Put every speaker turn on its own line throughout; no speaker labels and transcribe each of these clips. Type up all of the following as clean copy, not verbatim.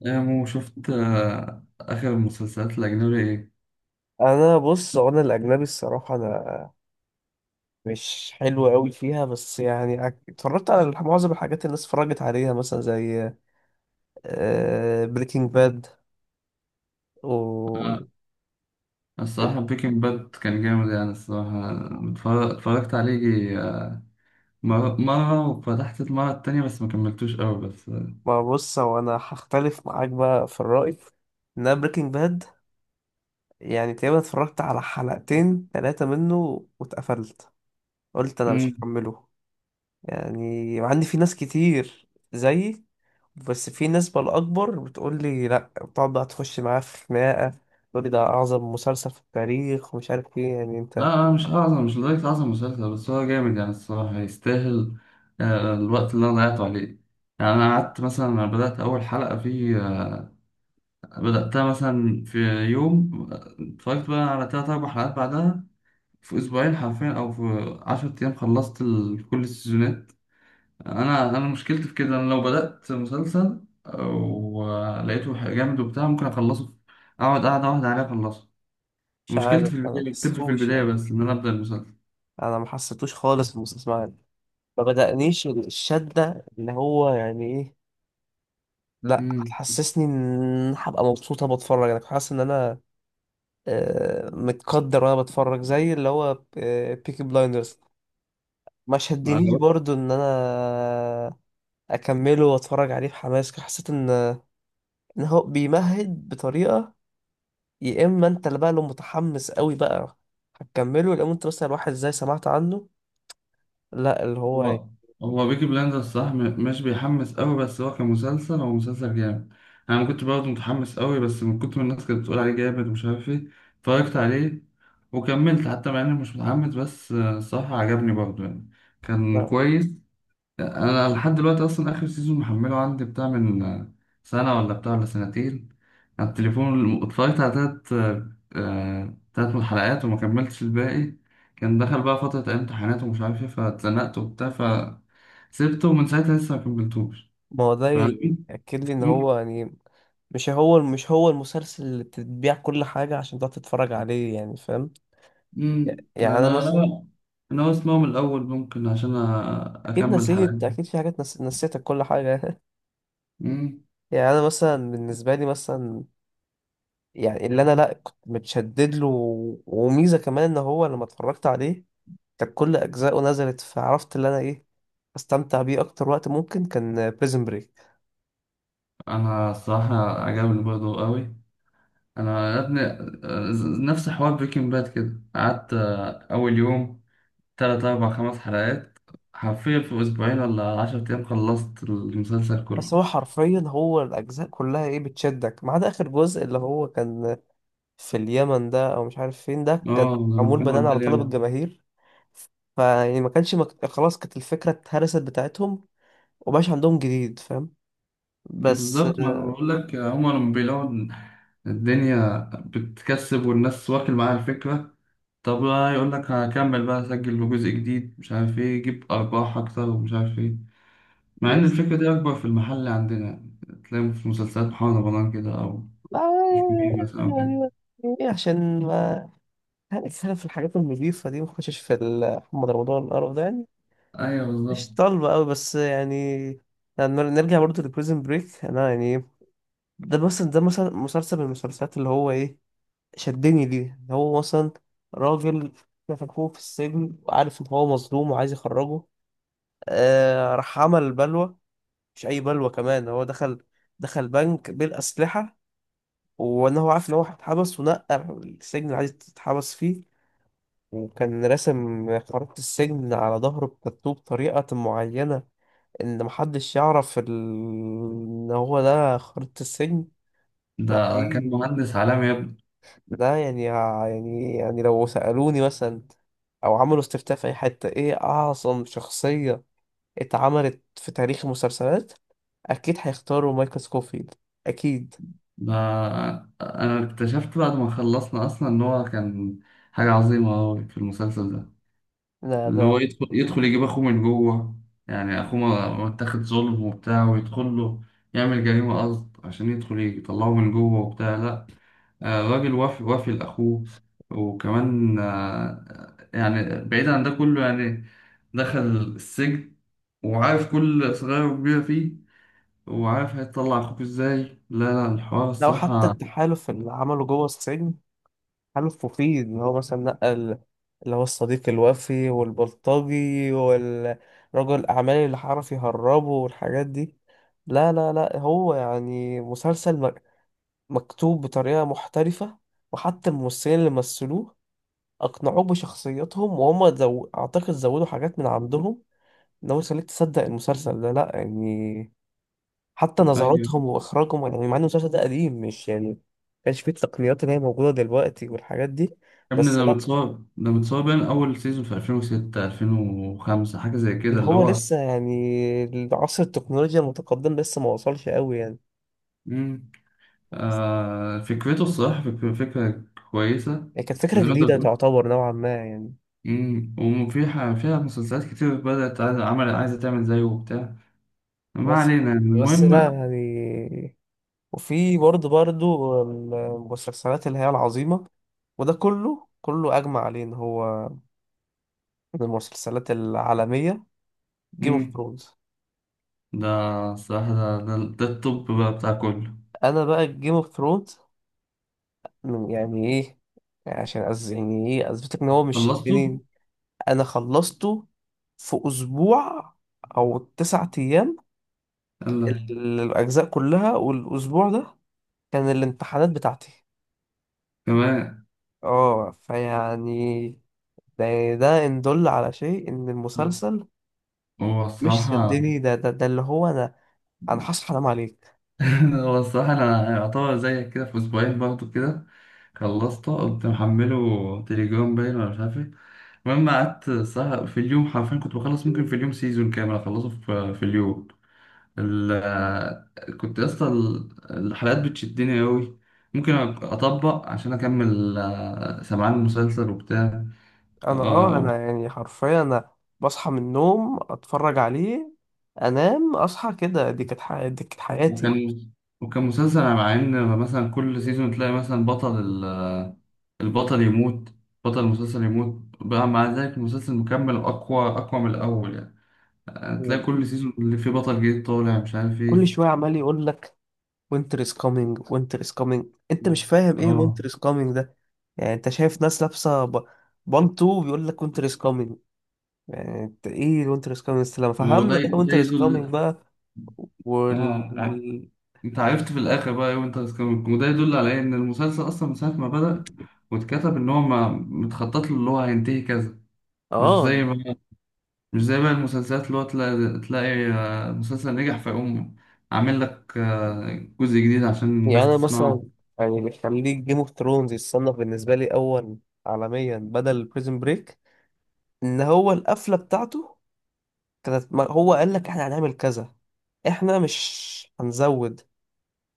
يا مو شفت آخر المسلسلات الأجنبي إيه؟
بص، هو انا الاجنبي الصراحه، انا مش حلو قوي فيها، بس يعني اتفرجت على معظم الحاجات اللي الناس اتفرجت عليها مثلا، زي بريكنج باد. و
آه، الصراحة بريكنج باد كان جامد يعني الصراحة. اتفرجت عليه يجي، مرة وفتحت المرة التانية بس ما كملتوش أوي بس
ما بص، هو انا هختلف معاك بقى في الرأي، ان انا بريكنج باد يعني تقريبا اتفرجت على حلقتين ثلاثة منه واتقفلت. قلت انا مش
مم.
هكمله. يعني عندي في ناس كتير زيي، بس في نسبة الأكبر بتقول لي لأ، بتقعد بقى تخش معاه في خناقة، تقول لي ده أعظم مسلسل في التاريخ ومش عارف إيه، يعني
لا
أنت
لا، مش أعظم، مش لدرجة أعظم مسلسل بس هو جامد يعني الصراحة يستاهل الوقت اللي أنا ضيعته عليه. يعني أنا قعدت مثلا، أنا بدأت أول حلقة فيه بدأتها مثلا في يوم، اتفرجت بقى على تلات أربع حلقات بعدها، في اسبوعين حرفيا او في 10 ايام خلصت كل السيزونات. انا مشكلتي في كده، انا لو بدأت مسلسل ولقيته جامد وبتاع ممكن اخلصه اقعد قاعدة واحدة عليه اخلصه.
مش
مشكلتي في
عارف. أنا ما
البداية، بتبقى في
حسيتوش
البداية
يعني،
بس ان انا ابدأ المسلسل.
أنا ما حسيتوش خالص المسلسل يعني، ما بدأنيش الشدة اللي هو يعني إيه. لأ،
امم
هتحسسني إن هبقى مبسوطة بتفرج، أنا كنت حاسس إن أنا متقدر وأنا بتفرج، زي اللي هو بيكي بلايندرز، ما شدنيش برضو إن أنا اكمله واتفرج عليه بحماس. حسيت ان ان هو بيمهد بطريقه، يا اما انت اللي بقى لو متحمس قوي بقى هتكمله، لو انت مثلا واحد زي سمعت عنه لا، اللي هو يعني
هو هو بيكي بلاندرز صح، مش بيحمس قوي بس هو كمسلسل، هو مسلسل جامد. انا ما كنت برضه متحمس قوي بس من كتر ما الناس كانت بتقول عليه جامد ومش عارف ايه اتفرجت عليه وكملت، حتى مع اني مش متحمس، بس الصراحة عجبني برضه يعني، كان
لا،
كويس. انا لحد دلوقتي اصلا اخر سيزون محمله عندي بتاع من سنه ولا بتاع ولا سنتين. على التليفون اتفرجت على تلات، تلات من الحلقات وما كملتش الباقي. كان دخل بقى فتره امتحانات ومش عارف ايه فاتزنقت وبتاع فسيبته، ومن ساعتها لسه ما كملتوش.
ما هو ده
فاهمين؟
يأكد لي ان
مم،
هو يعني مش هو المسلسل اللي بتتبيع كل حاجه عشان تقعد تتفرج عليه، يعني فاهم.
مم.
يعني انا
انا
مثلا،
انا انا اسمعه من الاول ممكن عشان
اكيد
اكمل الحلقات.
نسيت، اكيد في حاجات نسيتك كل حاجه.
مم.
يعني انا مثلا بالنسبه لي مثلا، يعني اللي انا لا كنت متشدد له وميزه كمان ان هو لما اتفرجت عليه كانت كل اجزائه نزلت، فعرفت اللي انا ايه استمتع بيه اكتر. وقت ممكن كان بريزن بريك.
انا الصراحه عجبني برضه قوي. انا يا ابني، نفس حوار بريكنج باد كده، قعدت اول يوم تلات اربع خمس حلقات حرفيا، في اسبوعين ولا عشرة ايام خلصت المسلسل
بس
كله.
هو حرفيا هو الاجزاء كلها ايه بتشدك ما عدا اخر جزء اللي هو كان في اليمن ده او مش عارف فين ده، كان
اه لما
معمول
كان
بناء على
وداني
طلب
ياما.
الجماهير. فيعني ما كانش خلاص كانت الفكره اتهرست بتاعتهم، ومبقاش عندهم جديد، فاهم. بس
بالظبط، ما انا بقول لك، هما لما بيلاقوا إن الدنيا بتكسب والناس واكل معاها الفكرة، طب بقى يقول لك هكمل بقى اسجل بجزء جديد مش عارف ايه يجيب ارباح اكتر ومش عارف ايه. مع ان
بس
الفكرة دي اكبر في المحل عندنا، تلاقي في مسلسلات محمد رمضان كده او
لا
مش كبير بس اه كده.
يعني، يعني عشان ما، يعني خلينا في الحاجات النظيفة دي، ما نخشش في محمد رمضان القرف ده يعني.
ايوه بالظبط.
مش طالبة أوي بس يعني، يعني نرجع برضه لبريزن بريك. أنا يعني ده مثلا، ده مثلا مسلسل من المسلسلات اللي هو إيه شدني ليه، اللي هو مثلا راجل مسكوه في السجن وعارف إن هو مظلوم وعايز يخرجه. آه راح عمل بلوى، مش أي بلوى كمان. هو دخل بنك بالأسلحة، وإن هو عارف إن هو هيتحبس ونقى السجن اللي عايز يتحبس فيه، وكان راسم خريطة السجن على ظهره بتاتو بطريقة معينة، إن محدش يعرف إن هو ده خريطة السجن. لا
ده كان
دي،
مهندس عالمي يا ابني.
ده يعني لو سألوني مثلا أو عملوا استفتاء في أي حتة، إيه أعظم شخصية اتعملت في تاريخ المسلسلات، أكيد هيختاروا مايكل سكوفيلد، أكيد.
ده انا اكتشفت بعد ما خلصنا اصلا ان هو كان حاجه عظيمه أوي في المسلسل ده،
لا
اللي
ده،
هو يدخل يجيب اخوه من جوه. يعني اخوه متاخد ظلم وبتاع ويدخل له يعمل جريمه قصد عشان يدخل يطلعه من جوه وبتاع، لا الراجل وافي وافي لاخوه. وكمان يعني بعيد عن ده كله يعني دخل السجن، وعارف كل صغير وكبير فيه، وعارف هيطلع اخوك ازاي. لا لا، الحوار
لو حتى
الصراحة.
التحالف اللي عمله جوه السجن، حلف مفيد اللي هو مثلا نقل، اللي هو الصديق الوفي والبلطجي والرجل الأعمال اللي عرف يهربه والحاجات دي. لا لا لا، هو يعني مسلسل مكتوب بطريقة محترفة، وحتى الممثلين اللي مثلوه أقنعوك بشخصياتهم، وهم أعتقد زودوا حاجات من عندهم، إن هو يخليك تصدق المسلسل ده. لأ يعني، حتى
ايوه
نظراتهم وإخراجهم، يعني مع إن المسلسل ده قديم، مش يعني، مكانش فيه التقنيات اللي هي موجودة دلوقتي والحاجات دي.
يا ابني،
بس
ده متصاب، ده متصاب من اول سيزون في 2006 2005 حاجة زي كده
اللي
اللي
هو
هو،
لسه يعني عصر التكنولوجيا المتقدم لسه ما وصلش قوي يعني.
مم.
بس-
آه فكرته الصراحة فكرة كويسة.
يعني كانت فكرة
وزي ما انت
جديدة
بتقول،
تعتبر نوعا ما يعني.
مم. وفي ح- فيها مسلسلات كتير بدأت عايزة عمل، عايزة تعمل زيه وبتاع، ما
بس
علينا يعني
بس لا
المهم.
يعني. وفي برضه برضه المسلسلات اللي هي العظيمة، وده كله كله أجمع عليه إن هو من المسلسلات العالمية، جيم اوف
مم.
ثرونز.
ده الصراحة، ده التوب بقى بتاع كله.
أنا بقى جيم اوف ثرونز يعني إيه، يعني عشان أز يعني إيه أثبتك إن هو مش
خلصته؟
شدني. أنا خلصته في أسبوع أو تسعة أيام،
يلا
الأجزاء كلها، والأسبوع ده كان الامتحانات بتاعتي.
كمان.
اه فيعني ده، ده إن دل على شيء إن المسلسل،
هو
مش
الصراحة
صدقني، ده اللي هو أنا، أنا هصحى أنام عليك.
هو الصراحة أنا يعتبر زيك كده في أسبوعين برضه كده خلصته، قمت محمله تليجرام باين ولا مش عارف إيه. المهم قعدت الصراحة في اليوم حرفيا كنت بخلص، ممكن في اليوم سيزون كامل أخلصه في اليوم. كنت يا اسطى، الحلقات بتشدني أوي، ممكن أطبق عشان أكمل، سمعان المسلسل وبتاع.
أنا
آه،
أنا يعني حرفيا، أنا بصحى من النوم أتفرج عليه، أنام أصحى كده، دي كانت دي كانت حياتي.
وكان وكان مسلسل مع إن مثلا كل سيزون تلاقي مثلا بطل، البطل يموت، بطل المسلسل يموت بقى، مع ذلك المسلسل مكمل أقوى أقوى من الأول يعني. هتلاقي
وكل
كل سيزون اللي فيه بطل جديد طالع مش عارف إيه.
شوية عمال يقول لك وينتر از كامينج، وينتر از كامينج، أنت مش فاهم إيه
اه،
وينتر از كامينج. يعني انت شايف ناس لابسه بانتو بيقول لك وينتر از كامينج، يعني انت ايه وينتر از كامينج، استلام فهمنا بقى
ده
وينتر از
يدل.
كامينج بقى. وال
اه ع- انت عرفت في الاخر بقى ايه وانت بتكمل، وده يدل على ايه؟ ان المسلسل اصلا من ساعه ما بدأ واتكتب ان هو ما متخطط له اللي هو هينتهي كذا. مش زي
اه
ما مش زي بقى المسلسلات اللي هو تلاقي مسلسل نجح فيقوم عامل لك جزء جديد عشان
يعني
الناس
انا
تسمعه.
مثلا، يعني اللي يخليك جيم اوف ثرونز يتصنف بالنسبه لي اول عالميا بدل بريزن بريك، ان هو القفله بتاعته كانت هو قال لك احنا هنعمل كذا، احنا مش هنزود.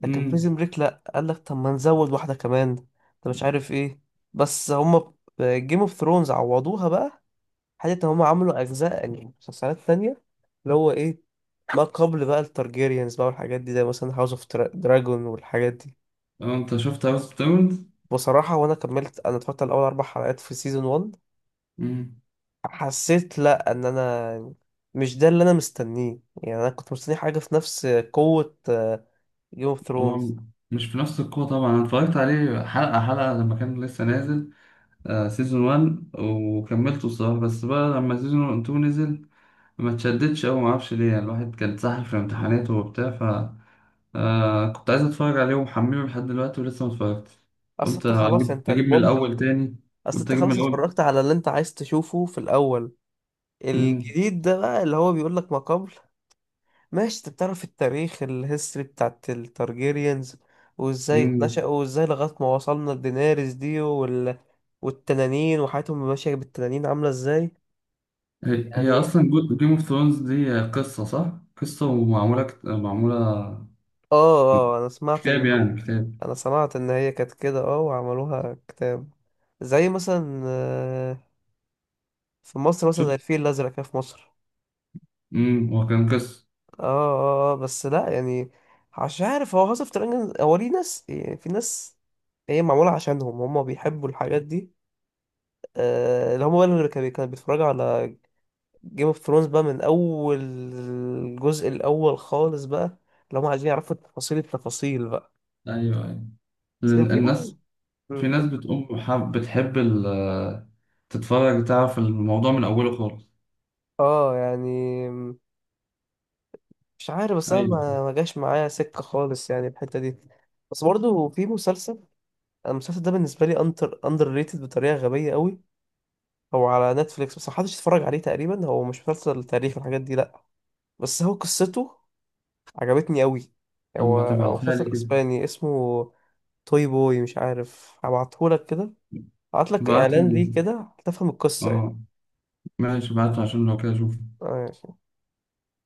لكن بريزن
امم.
بريك لا قال لك طب ما نزود واحدة كمان، طب مش عارف ايه. بس هما جيم اوف ثرونز عوضوها بقى حتة ان هما عملوا اجزاء يعني مسلسلات تانية، اللي هو ايه، ما قبل بقى التارجيريانز بقى والحاجات دي، زي مثلا هاوس اوف دراجون والحاجات دي.
اه انت شفت هاوس اوف دايموند؟
بصراحة وانا كملت، انا اتفرجت على اول اربع حلقات في سيزون 1،
مم.
حسيت لا ان انا مش ده اللي انا مستنيه، يعني انا كنت مستني حاجة في نفس قوة جيم اوف
هو
ثرونز.
مش في نفس القوة طبعا، انا اتفرجت عليه حلقة حلقة لما كان لسه نازل، آه سيزون 1 وكملته الصراحة، بس بقى لما سيزون 2 نزل ما اتشدتش أوي معرفش ليه، يعني الواحد كان اتسحل في امتحاناته وبتاع، ف كنت عايز اتفرج عليه ومحمله لحد دلوقتي ولسه ما اتفرجتش.
اصل
قلت
انت خلاص،
اجيب
انت
اجيب من
البوب،
الأول تاني.
اصل
قلت
انت
اجيب من
خلاص
الأول.
اتفرجت على اللي انت عايز تشوفه في الاول،
مم.
الجديد ده بقى اللي هو بيقول لك ما قبل. ماشي، انت بتعرف التاريخ الهيستوري بتاعت التارجيريانز وازاي
مم.
اتنشأوا، وازاي لغاية ما وصلنا لدينيريس دي والتنانين وحياتهم ماشية بالتنانين عاملة ازاي
هي
يعني.
اصلا جيم اوف ثرونز دي قصة صح؟ قصة ومعمولة، معمولة
اه اه، انا سمعت
كتاب،
ان،
يعني كتاب.
انا سمعت ان هي كانت كده، اه وعملوها كتاب، زي مثلا في مصر مثلا
شفت.
زي الفيل الازرق كده، في مصر.
هو كان قصة.
اه اه بس لا يعني، مش عارف هو هاوس اوف دراجون هو ليه ناس، يعني في ناس هي معمولة عشانهم هم بيحبوا الحاجات دي. آه اللي هم بقى اللي كانوا بيتفرجوا على جيم اوف ثرونز بقى من اول الجزء الاول خالص بقى، اللي هم عايزين يعرفوا التفاصيل التفاصيل بقى.
ايوه ايوه.
بس كان
لأن
في بقى،
الناس،
مم،
في ناس
كان-
بتقوم حب بتحب تتفرج تعرف الموضوع من أوله خالص.
اه يعني مش عارف، بس انا
أيوه.
ما جاش معايا سكة خالص، يعني الحتة دي. بس برضه في مسلسل، المسلسل ده بالنسبة لي اندر ريتد بطريقة غبية قوي، هو على نتفليكس بس محدش اتفرج عليه تقريبا. هو مش مسلسل تاريخ والحاجات دي لأ، بس هو قصته عجبتني قوي.
طب
هو
ما
هو
تبعتها لي
مسلسل
كده.
اسباني اسمه توي بوي، مش عارف، هبعتهولك كده، هبعتلك
بعت
اعلان
لي.
ليه كده هتفهم القصة يعني.
اه ماشي، بعتها عشان لو كده أشوف.
آه،